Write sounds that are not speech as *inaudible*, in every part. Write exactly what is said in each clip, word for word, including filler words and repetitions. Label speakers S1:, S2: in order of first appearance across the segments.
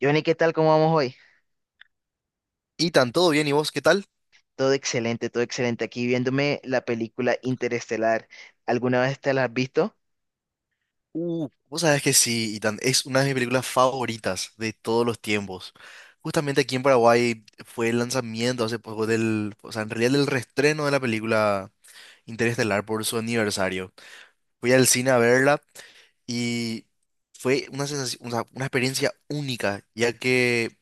S1: Johnny, ¿qué tal? ¿Cómo vamos hoy?
S2: Ethan, ¿todo bien? ¿Y vos qué tal?
S1: Todo excelente, todo excelente. Aquí viéndome la película Interestelar. ¿Alguna vez te la has visto?
S2: Uh, vos sabés que sí, Ethan, es una de mis películas favoritas de todos los tiempos. Justamente aquí en Paraguay fue el lanzamiento hace poco del, o sea, en realidad del reestreno de la película Interestelar por su aniversario. Fui al cine a verla y fue una sensación, o sea, una experiencia única, ya que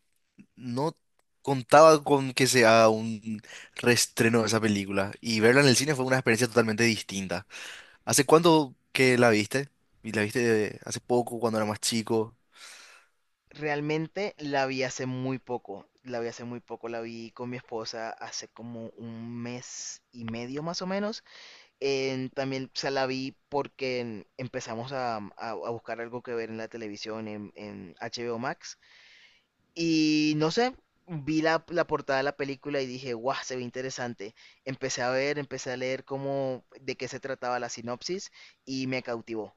S2: no contaba con que se haga un reestreno de esa película y verla en el cine fue una experiencia totalmente distinta. ¿Hace cuánto que la viste? Y la viste hace poco, cuando era más chico,
S1: Realmente la vi hace muy poco. La vi hace muy poco. La vi con mi esposa hace como un mes y medio más o menos. En- también se la vi porque en- empezamos a, a- a buscar algo que ver en la televisión, en, en H B O Max. Y no sé, vi la, la portada de la película y dije, guau, se ve interesante. Empecé a ver, empecé a leer cómo, de qué se trataba la sinopsis y me cautivó.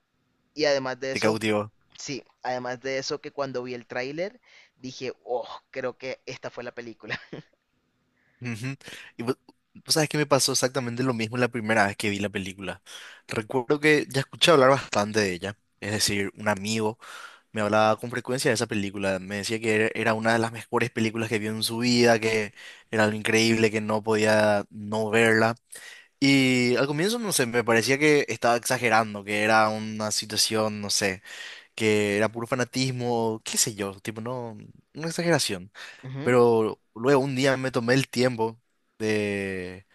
S1: Y además de
S2: te
S1: eso,
S2: cautivó.
S1: sí, además de eso que cuando vi el tráiler dije, oh, creo que esta fue la película.
S2: Ujú. Y vos, vos sabes que me pasó exactamente lo mismo la primera vez que vi la película. Recuerdo que ya escuché hablar bastante de ella. Es decir, un amigo me hablaba con frecuencia de esa película. Me decía que era era una de las mejores películas que vio en su vida, que era algo increíble, que no podía no verla. Y al comienzo, no sé, me parecía que estaba exagerando, que era una situación, no sé que era puro fanatismo, qué sé yo, tipo, no, una exageración.
S1: *laughs* Ujú.
S2: Pero luego un día me tomé el tiempo de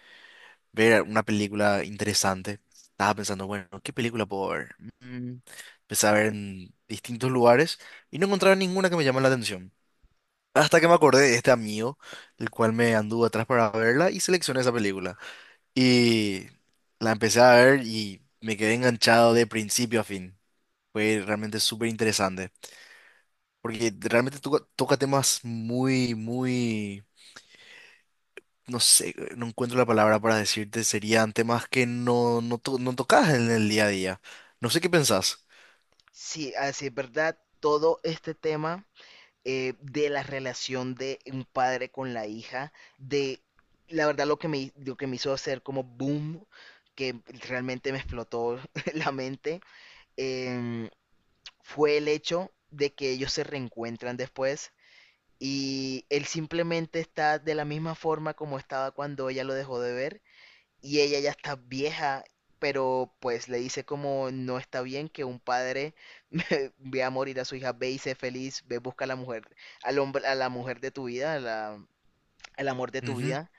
S2: ver una película interesante. Estaba pensando, bueno, ¿qué película puedo ver? Mm, Empecé a ver en distintos lugares y no encontraba ninguna que me llamara la atención. Hasta que me acordé de este amigo, el cual me anduvo atrás para verla y seleccioné esa película. Y la empecé a ver y me quedé enganchado de principio a fin. Fue realmente súper interesante. Porque realmente toca, toca temas muy, muy, no sé, no encuentro la palabra para decirte, serían temas que no, no, to- no tocas en el día a día. No sé qué pensás.
S1: Sí, así es verdad, todo este tema eh, de la relación de un padre con la hija, de la verdad lo que me, lo que me hizo hacer como boom, que realmente me explotó *laughs* la mente, eh, fue el hecho de que ellos se reencuentran después y él simplemente está de la misma forma como estaba cuando ella lo dejó de ver y ella ya está vieja, pero pues le dice como no está bien que un padre *laughs* vea morir a su hija, ve y sé feliz, ve busca a la mujer, al hombre, a la mujer de tu vida, a la- al amor de tu
S2: Ujú.
S1: vida.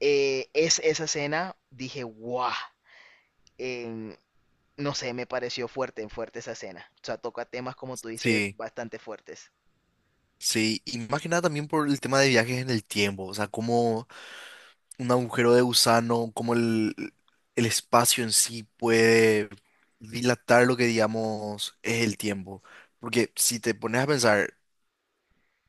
S1: Eh, es esa escena, dije, guau, em, no sé, me pareció fuerte, fuerte esa escena. O sea, toca temas como tú dices,
S2: Sí,
S1: bastante fuertes.
S2: sí, y más que nada también por el tema de viajes en el tiempo, o sea, cómo un agujero de gusano, cómo el, el espacio en sí puede dilatar lo que digamos es el tiempo. Porque si te pones a pensar,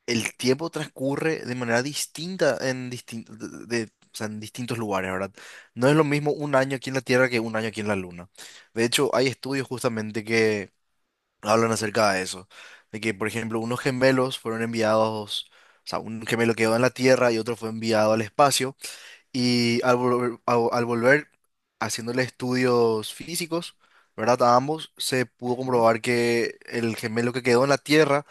S2: el tiempo transcurre de manera distinta en, distin- de- de- o sea, en distintos lugares, ¿verdad? No es lo mismo un año aquí en la Tierra que un año aquí en la Luna. De hecho, hay estudios justamente que hablan acerca de eso, de que, por ejemplo, unos gemelos fueron enviados, o sea, un gemelo quedó en la Tierra y otro fue enviado al espacio, y al volver, al al volver haciéndole estudios físicos, ¿verdad? A ambos se pudo
S1: Ujú.
S2: comprobar que el gemelo que quedó en la Tierra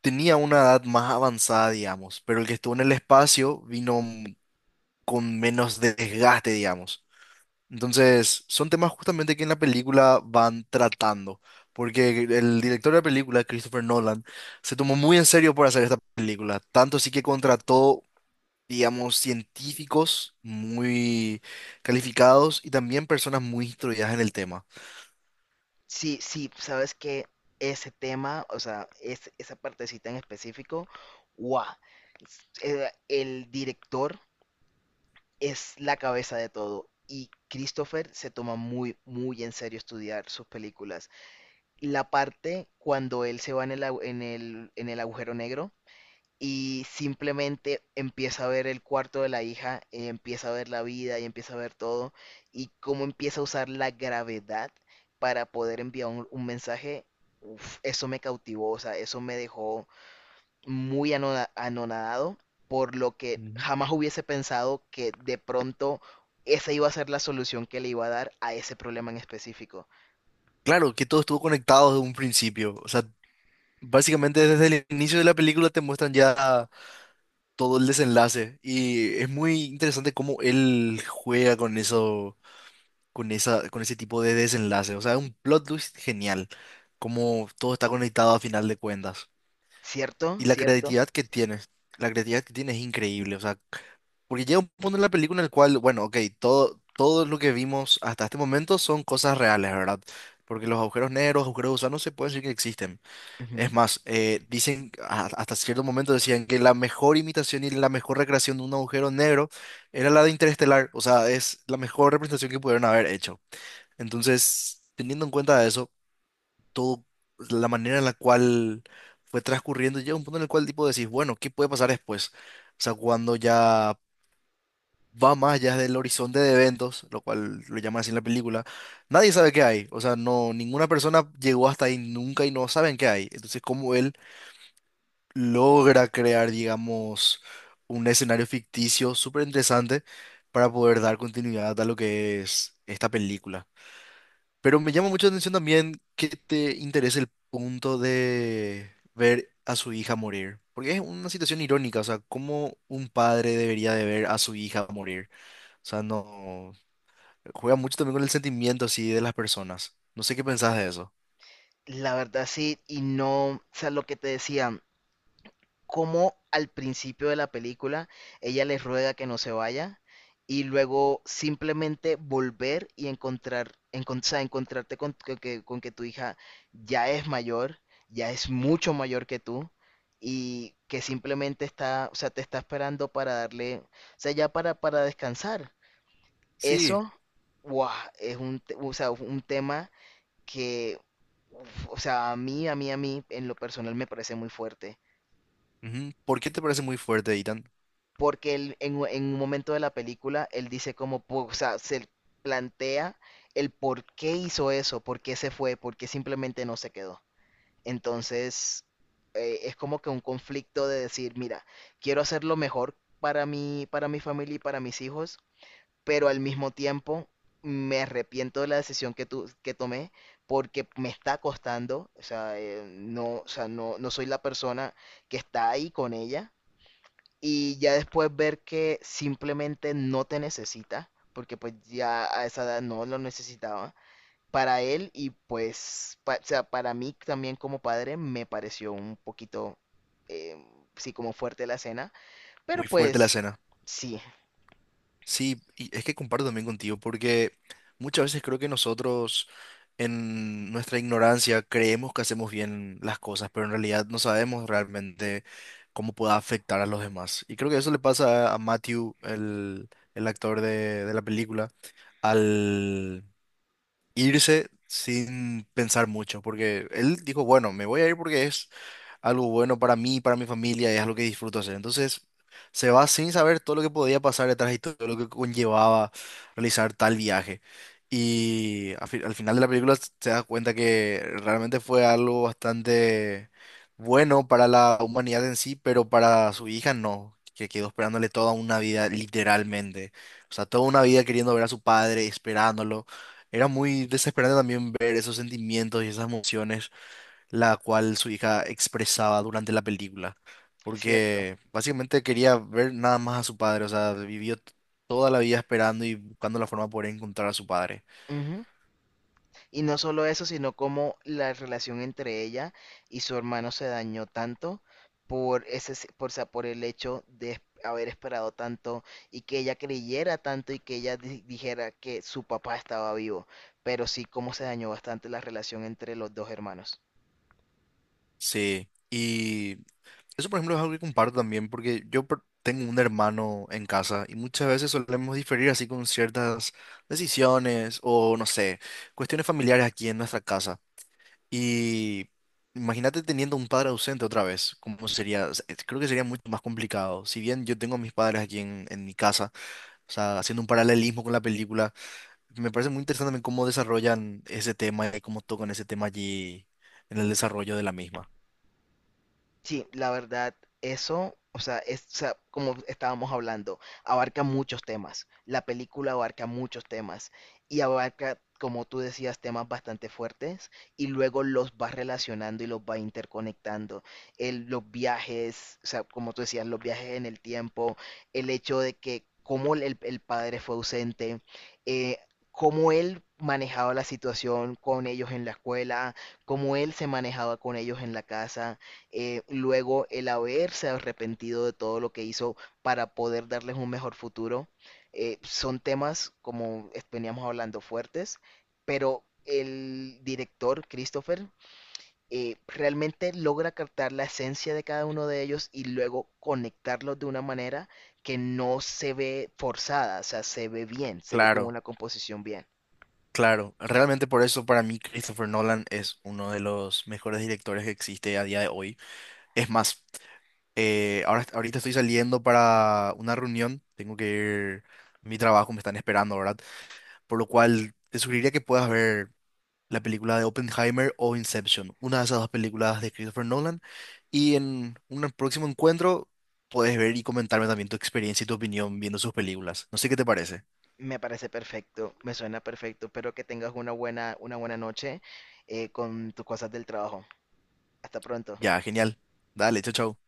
S2: tenía una edad más avanzada, digamos, pero el que estuvo en el espacio vino m- con menos desgaste, digamos. Entonces, son temas justamente que en la película van tratando, porque el director de la película, Christopher Nolan, se tomó muy en serio por hacer esta película, tanto así que contrató, digamos, científicos muy calificados y también personas muy instruidas en el tema.
S1: Sí, sí, sabes que ese tema, o sea, es, esa partecita en específico, guau. Eh, el director es la cabeza de todo. Y Christopher se toma muy, muy en serio estudiar sus películas. La parte cuando él se va en el, agu- en el, en el agujero negro y simplemente empieza a ver el cuarto de la hija, y empieza a ver la vida y empieza a ver todo y cómo empieza a usar la gravedad para poder enviar un, un mensaje, uf, eso me cautivó, o sea, eso me dejó muy anona- anonadado, por lo que
S2: Ujú.
S1: jamás hubiese pensado que de pronto esa iba a ser la solución que le iba a dar a ese problema en específico.
S2: Claro, que todo estuvo conectado desde un principio. O sea, básicamente desde el inicio de la película te muestran ya todo el desenlace. Y es muy interesante cómo él juega con eso, con esa, con ese tipo de desenlace. O sea, es un plot twist genial. Cómo todo está conectado a final de cuentas. Y
S1: ¿Cierto?
S2: la
S1: ¿Cierto?
S2: creatividad que tiene, la creatividad que tiene es increíble. O sea, porque llega un punto en la película en el cual, bueno, ok, todo, todo lo que vimos hasta este momento son cosas reales, ¿verdad? Porque los agujeros negros, agujeros gusanos se puede decir que existen.
S1: Ujú.
S2: Es más, eh, dicen, a- hasta cierto momento decían que la mejor imitación y la mejor recreación de un agujero negro era la de Interestelar, o sea, es la mejor representación que pudieron haber hecho. Entonces, teniendo en cuenta eso, todo, la manera en la cual fue transcurriendo, llega un punto en el cual tipo decís, bueno, ¿qué puede pasar después? O sea, cuando ya va más allá del horizonte de eventos, lo cual lo llaman así en la película, nadie sabe qué hay, o sea, no, ninguna persona llegó hasta ahí nunca y no saben qué hay. Entonces, como él logra crear, digamos, un escenario ficticio súper interesante para poder dar continuidad a lo que es esta película. Pero me llama mucho la atención también que te interese el punto de ver a su hija morir, porque es una situación irónica, o sea, cómo un padre debería de ver a su hija morir. O sea, no juega mucho también con el sentimiento así de las personas. No sé qué pensás de eso.
S1: La verdad sí, y no, o sea, lo que te decía, cómo al principio de la película ella les ruega que no se vaya y luego simplemente volver y encontrar, encon- o sea, encontrarte con, con que, con que tu hija ya es mayor, ya es mucho mayor que tú y que simplemente está, o sea, te está esperando para darle, o sea, ya para, para descansar.
S2: Sí,
S1: Eso, wow, es un, te- o sea, un tema que, uf, o sea, a mí, a mí, a mí, en lo personal me parece muy fuerte.
S2: ujú. ¿Por qué te parece muy fuerte, Ethan?
S1: Porque él, en, u- en un momento de la película, él dice como, po- o sea, se plantea el por qué hizo eso, por qué se fue, por qué simplemente no se quedó. Entonces, eh, es como que un conflicto de decir, mira, quiero hacer lo mejor para mí, para mi familia y para mis hijos, pero al mismo tiempo me arrepiento de la decisión que, tu- que tomé porque me está costando, o sea, eh, no, o sea, no, no soy la persona que está ahí con ella y ya después ver que simplemente no te necesita, porque pues ya a esa edad no lo necesitaba para él y pues pa- o sea, para mí también como padre me pareció un poquito, eh, sí, como fuerte la escena, pero
S2: Muy fuerte la
S1: pues
S2: escena.
S1: sí,
S2: Sí, y es que comparto también contigo, porque muchas veces creo que nosotros en nuestra ignorancia creemos que hacemos bien las cosas, pero en realidad no sabemos realmente cómo pueda afectar a los demás. Y creo que eso le pasa a Matthew, el, el actor de, de la película, al, irse sin pensar mucho, porque él dijo, bueno, me voy a ir porque es algo bueno para mí, para mi familia, y es algo que disfruto hacer. Entonces, se va sin saber todo lo que podía pasar detrás y todo lo que conllevaba realizar tal viaje. Y al, fi- al final de la película te das cuenta que realmente fue algo bastante bueno para la humanidad en sí, pero para su hija no, que quedó esperándole toda una vida, literalmente. O sea, toda una vida queriendo ver a su padre, esperándolo. Era muy desesperante también ver esos sentimientos y esas emociones, la cual su hija expresaba durante la película,
S1: cierto.
S2: porque básicamente quería ver nada más a su padre, o sea, vivió t- toda la vida esperando y buscando la forma de poder encontrar a su padre.
S1: Y no solo eso, sino como la relación entre ella y su hermano se dañó tanto por ese, s- por, sa- por el hecho de es- haber esperado tanto y que ella creyera tanto y que ella di- dijera que su papá estaba vivo. Pero sí, cómo se dañó bastante la relación entre los dos hermanos.
S2: Sí, y eso por ejemplo es algo que comparto también, porque yo per- tengo un hermano en casa y muchas veces solemos diferir así con ciertas decisiones o no sé, cuestiones familiares aquí en nuestra casa. Y imagínate teniendo un padre ausente otra vez, ¿cómo sería? O sea, es- creo que sería mucho más complicado. Si bien yo tengo a mis padres aquí en, en mi casa, o sea, haciendo un paralelismo con la película, me parece muy interesante también cómo desarrollan ese tema y cómo tocan ese tema allí en el desarrollo de la misma.
S1: Sí, la verdad, eso, o sea, es, o sea, como estábamos hablando, abarca muchos temas. La película abarca muchos temas y abarca, como tú decías, temas bastante fuertes y luego los va relacionando y los va interconectando. El, los viajes, o sea, como tú decías, los viajes en el tiempo, el hecho de que cómo el, el padre fue ausente, eh, cómo él manejaba la situación con ellos en la escuela, cómo él se manejaba con ellos en la casa. Eh, luego el haberse arrepentido de todo lo que hizo para poder darles un mejor futuro, eh, son temas, como es- veníamos hablando, fuertes, pero el director, Christopher, eh, realmente logra captar la esencia de cada uno de ellos y luego conectarlos de una manera que no se ve forzada, o sea, se ve bien, se ve como
S2: Claro,
S1: una composición bien.
S2: claro. Realmente por eso para mí Christopher Nolan es uno de los mejores directores que existe a día de hoy. Es más, eh, ahora, ahorita estoy saliendo para una reunión, tengo que ir... Mi trabajo me están esperando, ¿verdad? Por lo cual, te sugeriría que puedas ver la película de Oppenheimer o Inception, una de esas dos películas de Christopher Nolan. Y en un próximo encuentro puedes ver y comentarme también tu experiencia y tu opinión viendo sus películas. No sé qué te parece.
S1: Me parece perfecto, me suena perfecto. Espero que tengas una buena, una buena noche eh, con tus cosas del trabajo. Hasta pronto.
S2: Ya, genial. Dale, chao, chao.